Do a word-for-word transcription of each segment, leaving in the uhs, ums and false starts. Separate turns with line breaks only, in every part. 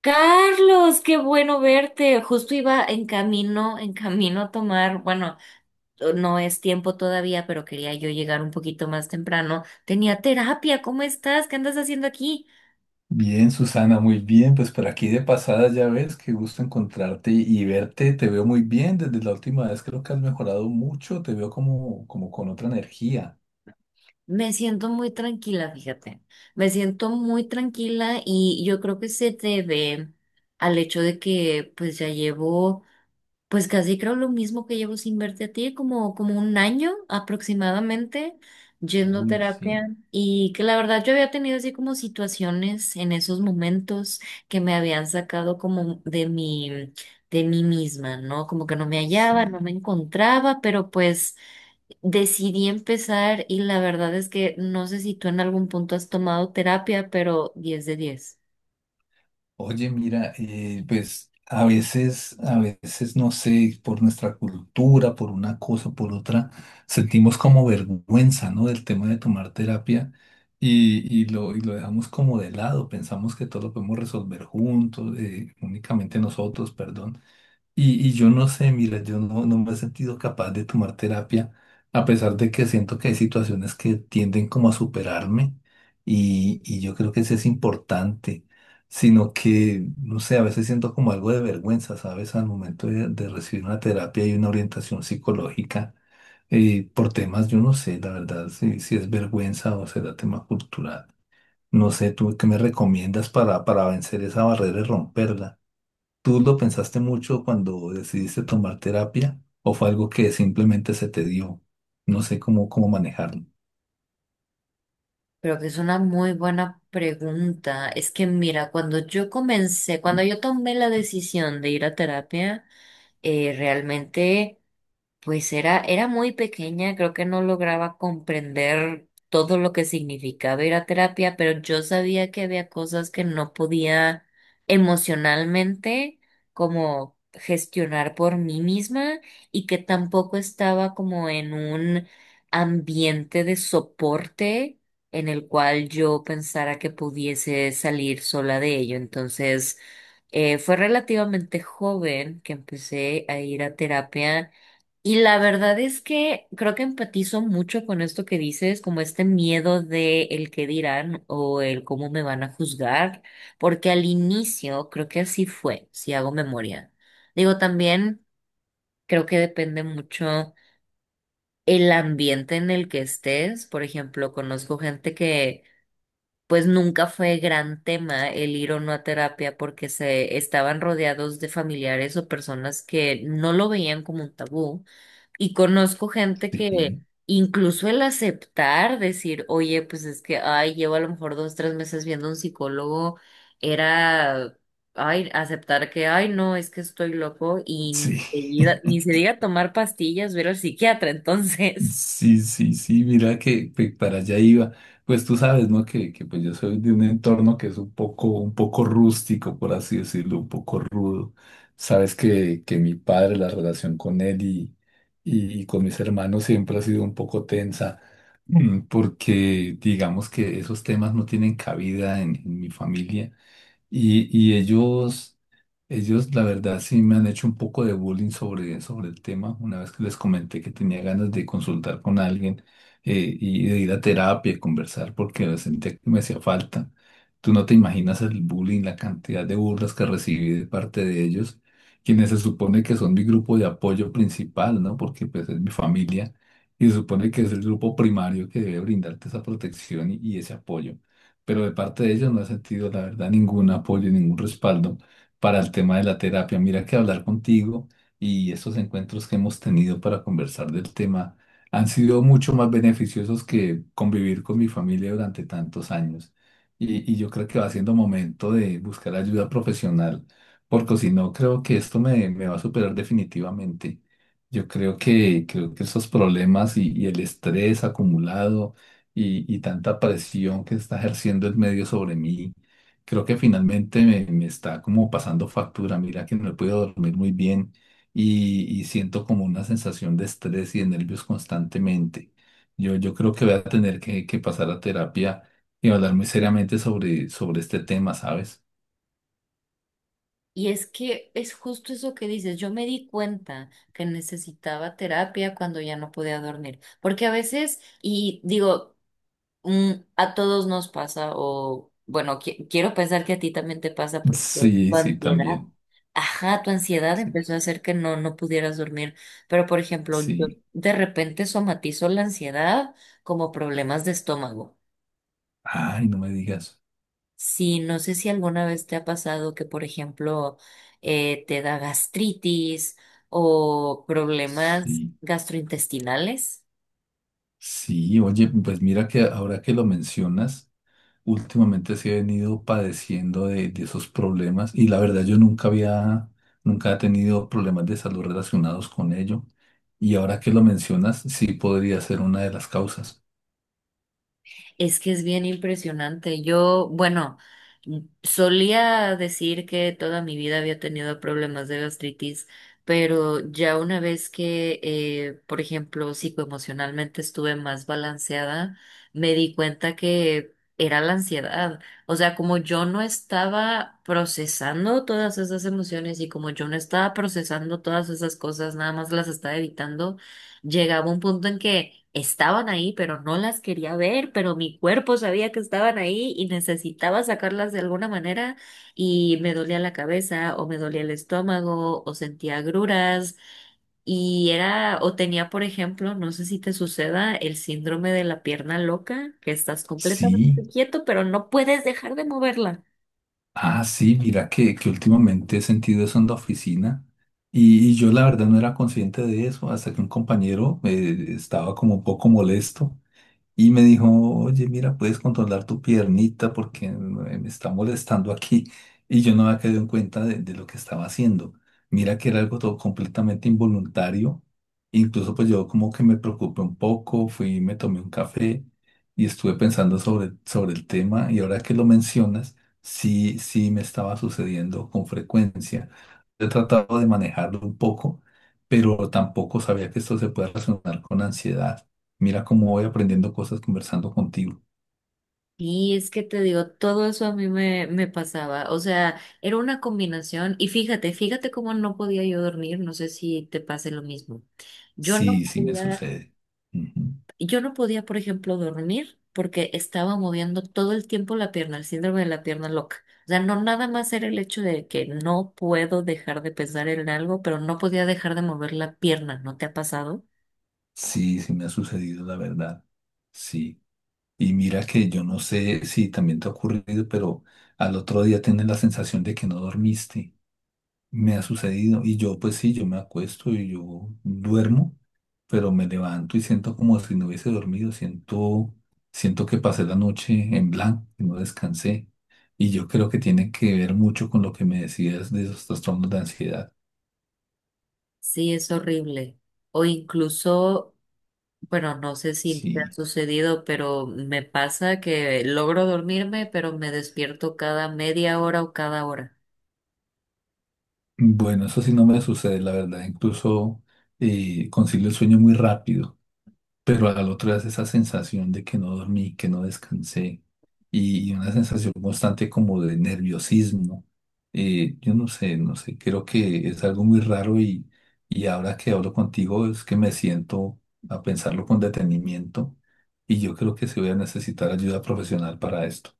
Carlos, qué bueno verte. Justo iba en camino, en camino a tomar, bueno, no es tiempo todavía, pero quería yo llegar un poquito más temprano. Tenía terapia, ¿cómo estás? ¿Qué andas haciendo aquí?
Bien, Susana, muy bien. Pues por aquí de pasada, ya ves, qué gusto encontrarte y verte. Te veo muy bien desde la última vez. Creo que has mejorado mucho. Te veo como, como con otra energía.
Me siento muy tranquila, fíjate. Me siento muy tranquila y yo creo que se debe al hecho de que pues ya llevo. Pues casi creo lo mismo que llevo sin verte a ti, como, como un año aproximadamente yendo a
Uy,
terapia
sí,
y que la verdad yo había tenido así como situaciones en esos momentos que me habían sacado como de mi, de mí misma, ¿no? Como que no me hallaba,
sí.
no me encontraba, pero pues decidí empezar y la verdad es que no sé si tú en algún punto has tomado terapia, pero diez de diez.
Oye, mira, eh, pues a veces, a veces, no sé, por nuestra cultura, por una cosa, por otra, sentimos como vergüenza, ¿no? Del tema de tomar terapia y, y lo, y lo dejamos como de lado. Pensamos que todo lo podemos resolver juntos, eh, únicamente nosotros, perdón. Y, y yo no sé, mira, yo no, no me he sentido capaz de tomar terapia, a pesar de que siento que hay situaciones que tienden como a superarme y, y yo creo que eso es importante, sino que, no sé, a veces siento como algo de vergüenza, ¿sabes? Al momento de, de recibir una terapia y una orientación psicológica, eh, por temas, yo no sé, la verdad, si, si es vergüenza o será tema cultural. No sé, ¿tú qué me recomiendas para, para vencer esa barrera y romperla? ¿Tú lo pensaste mucho cuando decidiste tomar terapia o fue algo que simplemente se te dio? No sé cómo, cómo manejarlo.
Pero que es una muy buena pregunta. Es que mira, cuando yo comencé, cuando
Mm.
yo tomé la decisión de ir a terapia, eh, realmente... Pues era, era muy pequeña, creo que no lograba comprender todo lo que significaba ir a terapia, pero yo sabía que había cosas que no podía emocionalmente como gestionar por mí misma y que tampoco estaba como en un ambiente de soporte en el cual yo pensara que pudiese salir sola de ello. Entonces, eh, fue relativamente joven que empecé a ir a terapia y la verdad es que creo que empatizo mucho con esto que dices, como este miedo de el qué dirán o el cómo me van a juzgar, porque al inicio creo que así fue, si hago memoria. Digo, también creo que depende mucho el ambiente en el que estés. Por ejemplo, conozco gente que pues nunca fue gran tema el ir o no a terapia porque se estaban rodeados de familiares o personas que no lo veían como un tabú. Y conozco gente que
Sí,
incluso el aceptar, decir, oye, pues es que, ay, llevo a lo mejor dos, tres meses viendo a un psicólogo, era, ay, aceptar que, ay, no, es que estoy loco y ni
sí.
se diga, ni se diga tomar pastillas, ver al psiquiatra, entonces.
Sí, sí, sí, mira que pues, para allá iba. Pues tú sabes, ¿no? Que, que pues yo soy de un entorno que es un poco, un poco rústico, por así decirlo, un poco rudo. Sabes que, que mi padre, la relación con él y, y, y con mis hermanos siempre ha sido un poco tensa, mm, porque digamos que esos temas no tienen cabida en en mi familia. Y, y ellos, ellos, la verdad, sí me han hecho un poco de bullying sobre, sobre el tema. Una vez que les comenté que tenía ganas de consultar con alguien, eh, y de ir a terapia y conversar porque sentía que me hacía falta. Tú no te imaginas el bullying, la cantidad de burlas que recibí de parte de ellos, quienes se supone que son mi grupo de apoyo principal, ¿no? Porque pues es mi familia y se supone que es el grupo primario que debe brindarte esa protección y y ese apoyo, pero de parte de ellos no he sentido, la verdad, ningún apoyo, ningún respaldo para el tema de la terapia. Mira que hablar contigo y estos encuentros que hemos tenido para conversar del tema han sido mucho más beneficiosos que convivir con mi familia durante tantos años. Y, y yo creo que va siendo momento de buscar ayuda profesional, porque si no, creo que esto me, me va a superar definitivamente. Yo creo que, creo que esos problemas y y el estrés acumulado, y, y tanta presión que está ejerciendo el medio sobre mí, creo que finalmente me, me está como pasando factura. Mira que no he podido dormir muy bien y, y siento como una sensación de estrés y de nervios constantemente. Yo, yo creo que voy a tener que, que pasar a terapia y hablar muy seriamente sobre, sobre este tema, ¿sabes?
Y es que es justo eso que dices. Yo me di cuenta que necesitaba terapia cuando ya no podía dormir, porque a veces, y digo, mm, a todos nos pasa, o bueno, qui- quiero pensar que a ti también te pasa porque tu
Sí,
tu
sí,
ansiedad,
también.
ajá, tu ansiedad
Sí,
empezó a hacer que no, no pudieras dormir. Pero, por ejemplo, yo
sí.
de repente somatizo la ansiedad como problemas de estómago.
Ay, no me digas.
Sí, no sé si alguna vez te ha pasado que, por ejemplo, eh, te da gastritis o problemas
Sí,
gastrointestinales.
sí, oye, pues mira que ahora que lo mencionas, últimamente sí he venido padeciendo de, de esos problemas y la verdad yo nunca había, nunca he tenido problemas de salud relacionados con ello. Y ahora que lo mencionas, sí podría ser una de las causas.
Es que es bien impresionante. Yo, bueno, mm, solía decir que toda mi vida había tenido problemas de gastritis, pero ya una vez que, eh, por ejemplo, psicoemocionalmente estuve más balanceada, me di cuenta que era la ansiedad. O sea, como yo no estaba procesando todas esas emociones y como yo no estaba procesando todas esas cosas, nada más las estaba evitando. Llegaba un punto en que estaban ahí, pero no las quería ver, pero mi cuerpo sabía que estaban ahí y necesitaba sacarlas de alguna manera y me dolía la cabeza o me dolía el estómago o sentía agruras y era o tenía, por ejemplo, no sé si te suceda el síndrome de la pierna loca, que estás
Sí,
completamente quieto, pero no puedes dejar de moverla.
ah, sí, mira que, que últimamente he sentido eso en la oficina y, y yo la verdad no era consciente de eso hasta que un compañero, eh, estaba como un poco molesto. Y me dijo, oye, mira, puedes controlar tu piernita porque me me está molestando aquí. Y yo no me había caído en cuenta de, de lo que estaba haciendo. Mira que era algo todo completamente involuntario. Incluso pues yo como que me preocupé un poco, fui, me tomé un café y estuve pensando sobre, sobre el tema. Y ahora que lo mencionas, sí, sí me estaba sucediendo con frecuencia. He tratado de manejarlo un poco, pero tampoco sabía que esto se puede relacionar con ansiedad. Mira cómo voy aprendiendo cosas conversando contigo.
Y es que te digo, todo eso a mí me, me pasaba. O sea, era una combinación. Y fíjate, fíjate cómo no podía yo dormir. No sé si te pase lo mismo. Yo no
Sí, sí me
podía,
sucede. Ujú.
yo no podía, por ejemplo, dormir porque estaba moviendo todo el tiempo la pierna, el síndrome de la pierna loca. O sea, no nada más era el hecho de que no puedo dejar de pensar en algo, pero no podía dejar de mover la pierna. ¿No te ha pasado?
Sí, sí me ha sucedido, la verdad. Sí. Y mira que yo no sé si también te ha ocurrido, pero al otro día tienes la sensación de que no dormiste. Me ha sucedido. Y yo, pues sí, yo me acuesto y yo duermo, pero me levanto y siento como si no hubiese dormido. Siento, siento que pasé la noche en blanco y no descansé. Y yo creo que tiene que ver mucho con lo que me decías de esos trastornos de ansiedad.
Sí, es horrible. O incluso, bueno, no sé si te ha
Sí.
sucedido, pero me pasa que logro dormirme, pero me despierto cada media hora o cada hora.
Bueno, eso sí no me sucede, la verdad. Incluso, eh, concilio el sueño muy rápido. Pero al otro es esa sensación de que no dormí, que no descansé y, y una sensación constante como de nerviosismo. Eh, yo no sé, no sé, creo que es algo muy raro y, y ahora que hablo contigo es que me siento a pensarlo con detenimiento y yo creo que sí voy a necesitar ayuda profesional para esto.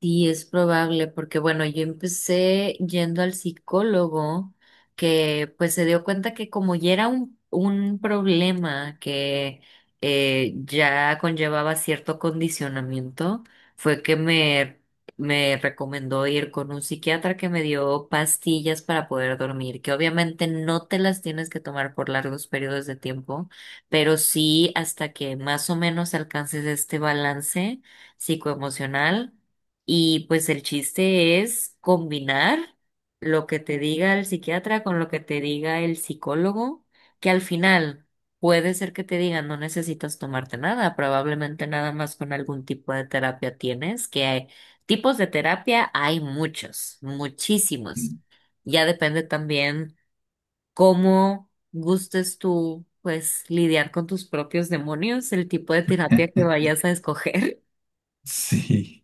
Sí, es probable, porque bueno, yo empecé yendo al psicólogo que pues se dio cuenta que como ya era un, un problema que eh, ya conllevaba cierto condicionamiento, fue que me, me recomendó ir con un psiquiatra que me dio pastillas para poder dormir, que obviamente no te las tienes que tomar por largos periodos de tiempo, pero sí hasta que más o menos alcances este balance psicoemocional y pues el chiste es combinar lo que te diga el psiquiatra con lo que te diga el psicólogo, que al final puede ser que te digan no necesitas tomarte nada, probablemente nada más con algún tipo de terapia tienes, que hay tipos de terapia hay muchos, muchísimos. Ya depende también cómo gustes tú, pues, lidiar con tus propios demonios, el tipo de terapia que vayas a escoger.
Sí.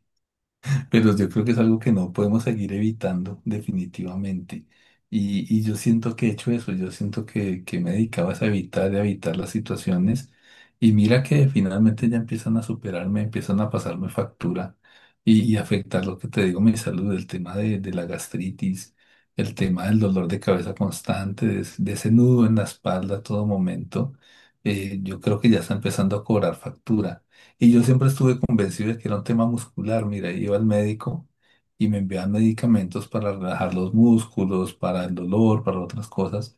Pero yo creo que es algo que no podemos seguir evitando definitivamente. Y, y yo siento que he hecho eso, yo siento que, que me dedicaba a evitar, a evitar las situaciones. Y mira que finalmente ya empiezan a superarme, empiezan a pasarme factura y, y afectar lo que te digo, mi salud, el tema de, de la gastritis, el tema del dolor de cabeza constante, de, es- de ese nudo en la espalda a todo momento. Eh, yo creo que ya está empezando a cobrar factura. Y yo siempre estuve convencido de que era un tema muscular. Mira, iba al médico y me enviaban medicamentos para relajar los músculos, para el dolor, para otras cosas,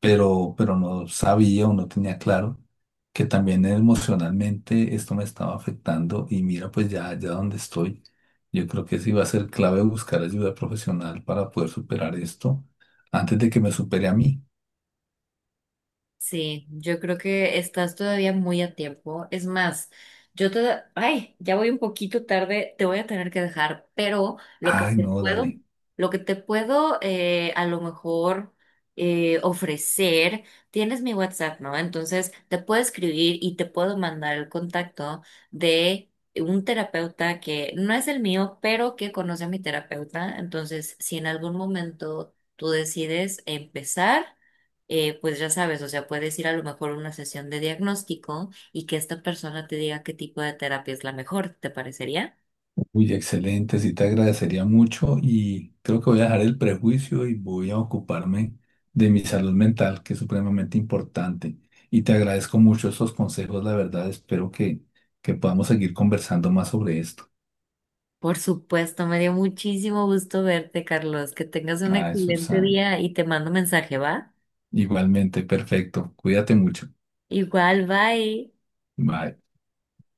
pero, pero no sabía o no tenía claro que también emocionalmente esto me estaba afectando. Y mira, pues ya, ya donde estoy, yo creo que sí va a ser clave buscar ayuda profesional para poder superar esto antes de que me supere a mí.
Sí, yo creo que estás todavía muy a tiempo. Es más, yo te... Ay, ya voy un poquito tarde, te voy a tener que dejar, pero lo que
Ay,
te
no,
puedo,
dale.
lo que te puedo eh, a lo mejor eh, ofrecer, tienes mi WhatsApp, ¿no? Entonces te puedo escribir y te puedo mandar el contacto de un terapeuta que no es el mío, pero que conoce a mi terapeuta. Entonces, si en algún momento tú decides empezar, eh, pues ya sabes, o sea, puedes ir a lo mejor a una sesión de diagnóstico y que esta persona te diga qué tipo de terapia es la mejor, ¿te parecería?
Uy, excelente, sí te agradecería mucho y creo que voy a dejar el prejuicio y voy a ocuparme de mi salud mental, que es supremamente importante. Y te agradezco mucho esos consejos, la verdad, espero que, que podamos seguir conversando más sobre esto.
Por supuesto, me dio muchísimo gusto verte, Carlos. Que tengas un
Ay,
excelente
Susana,
día y te mando mensaje, ¿va?
igualmente, perfecto, cuídate mucho.
Igual, bye.
Bye.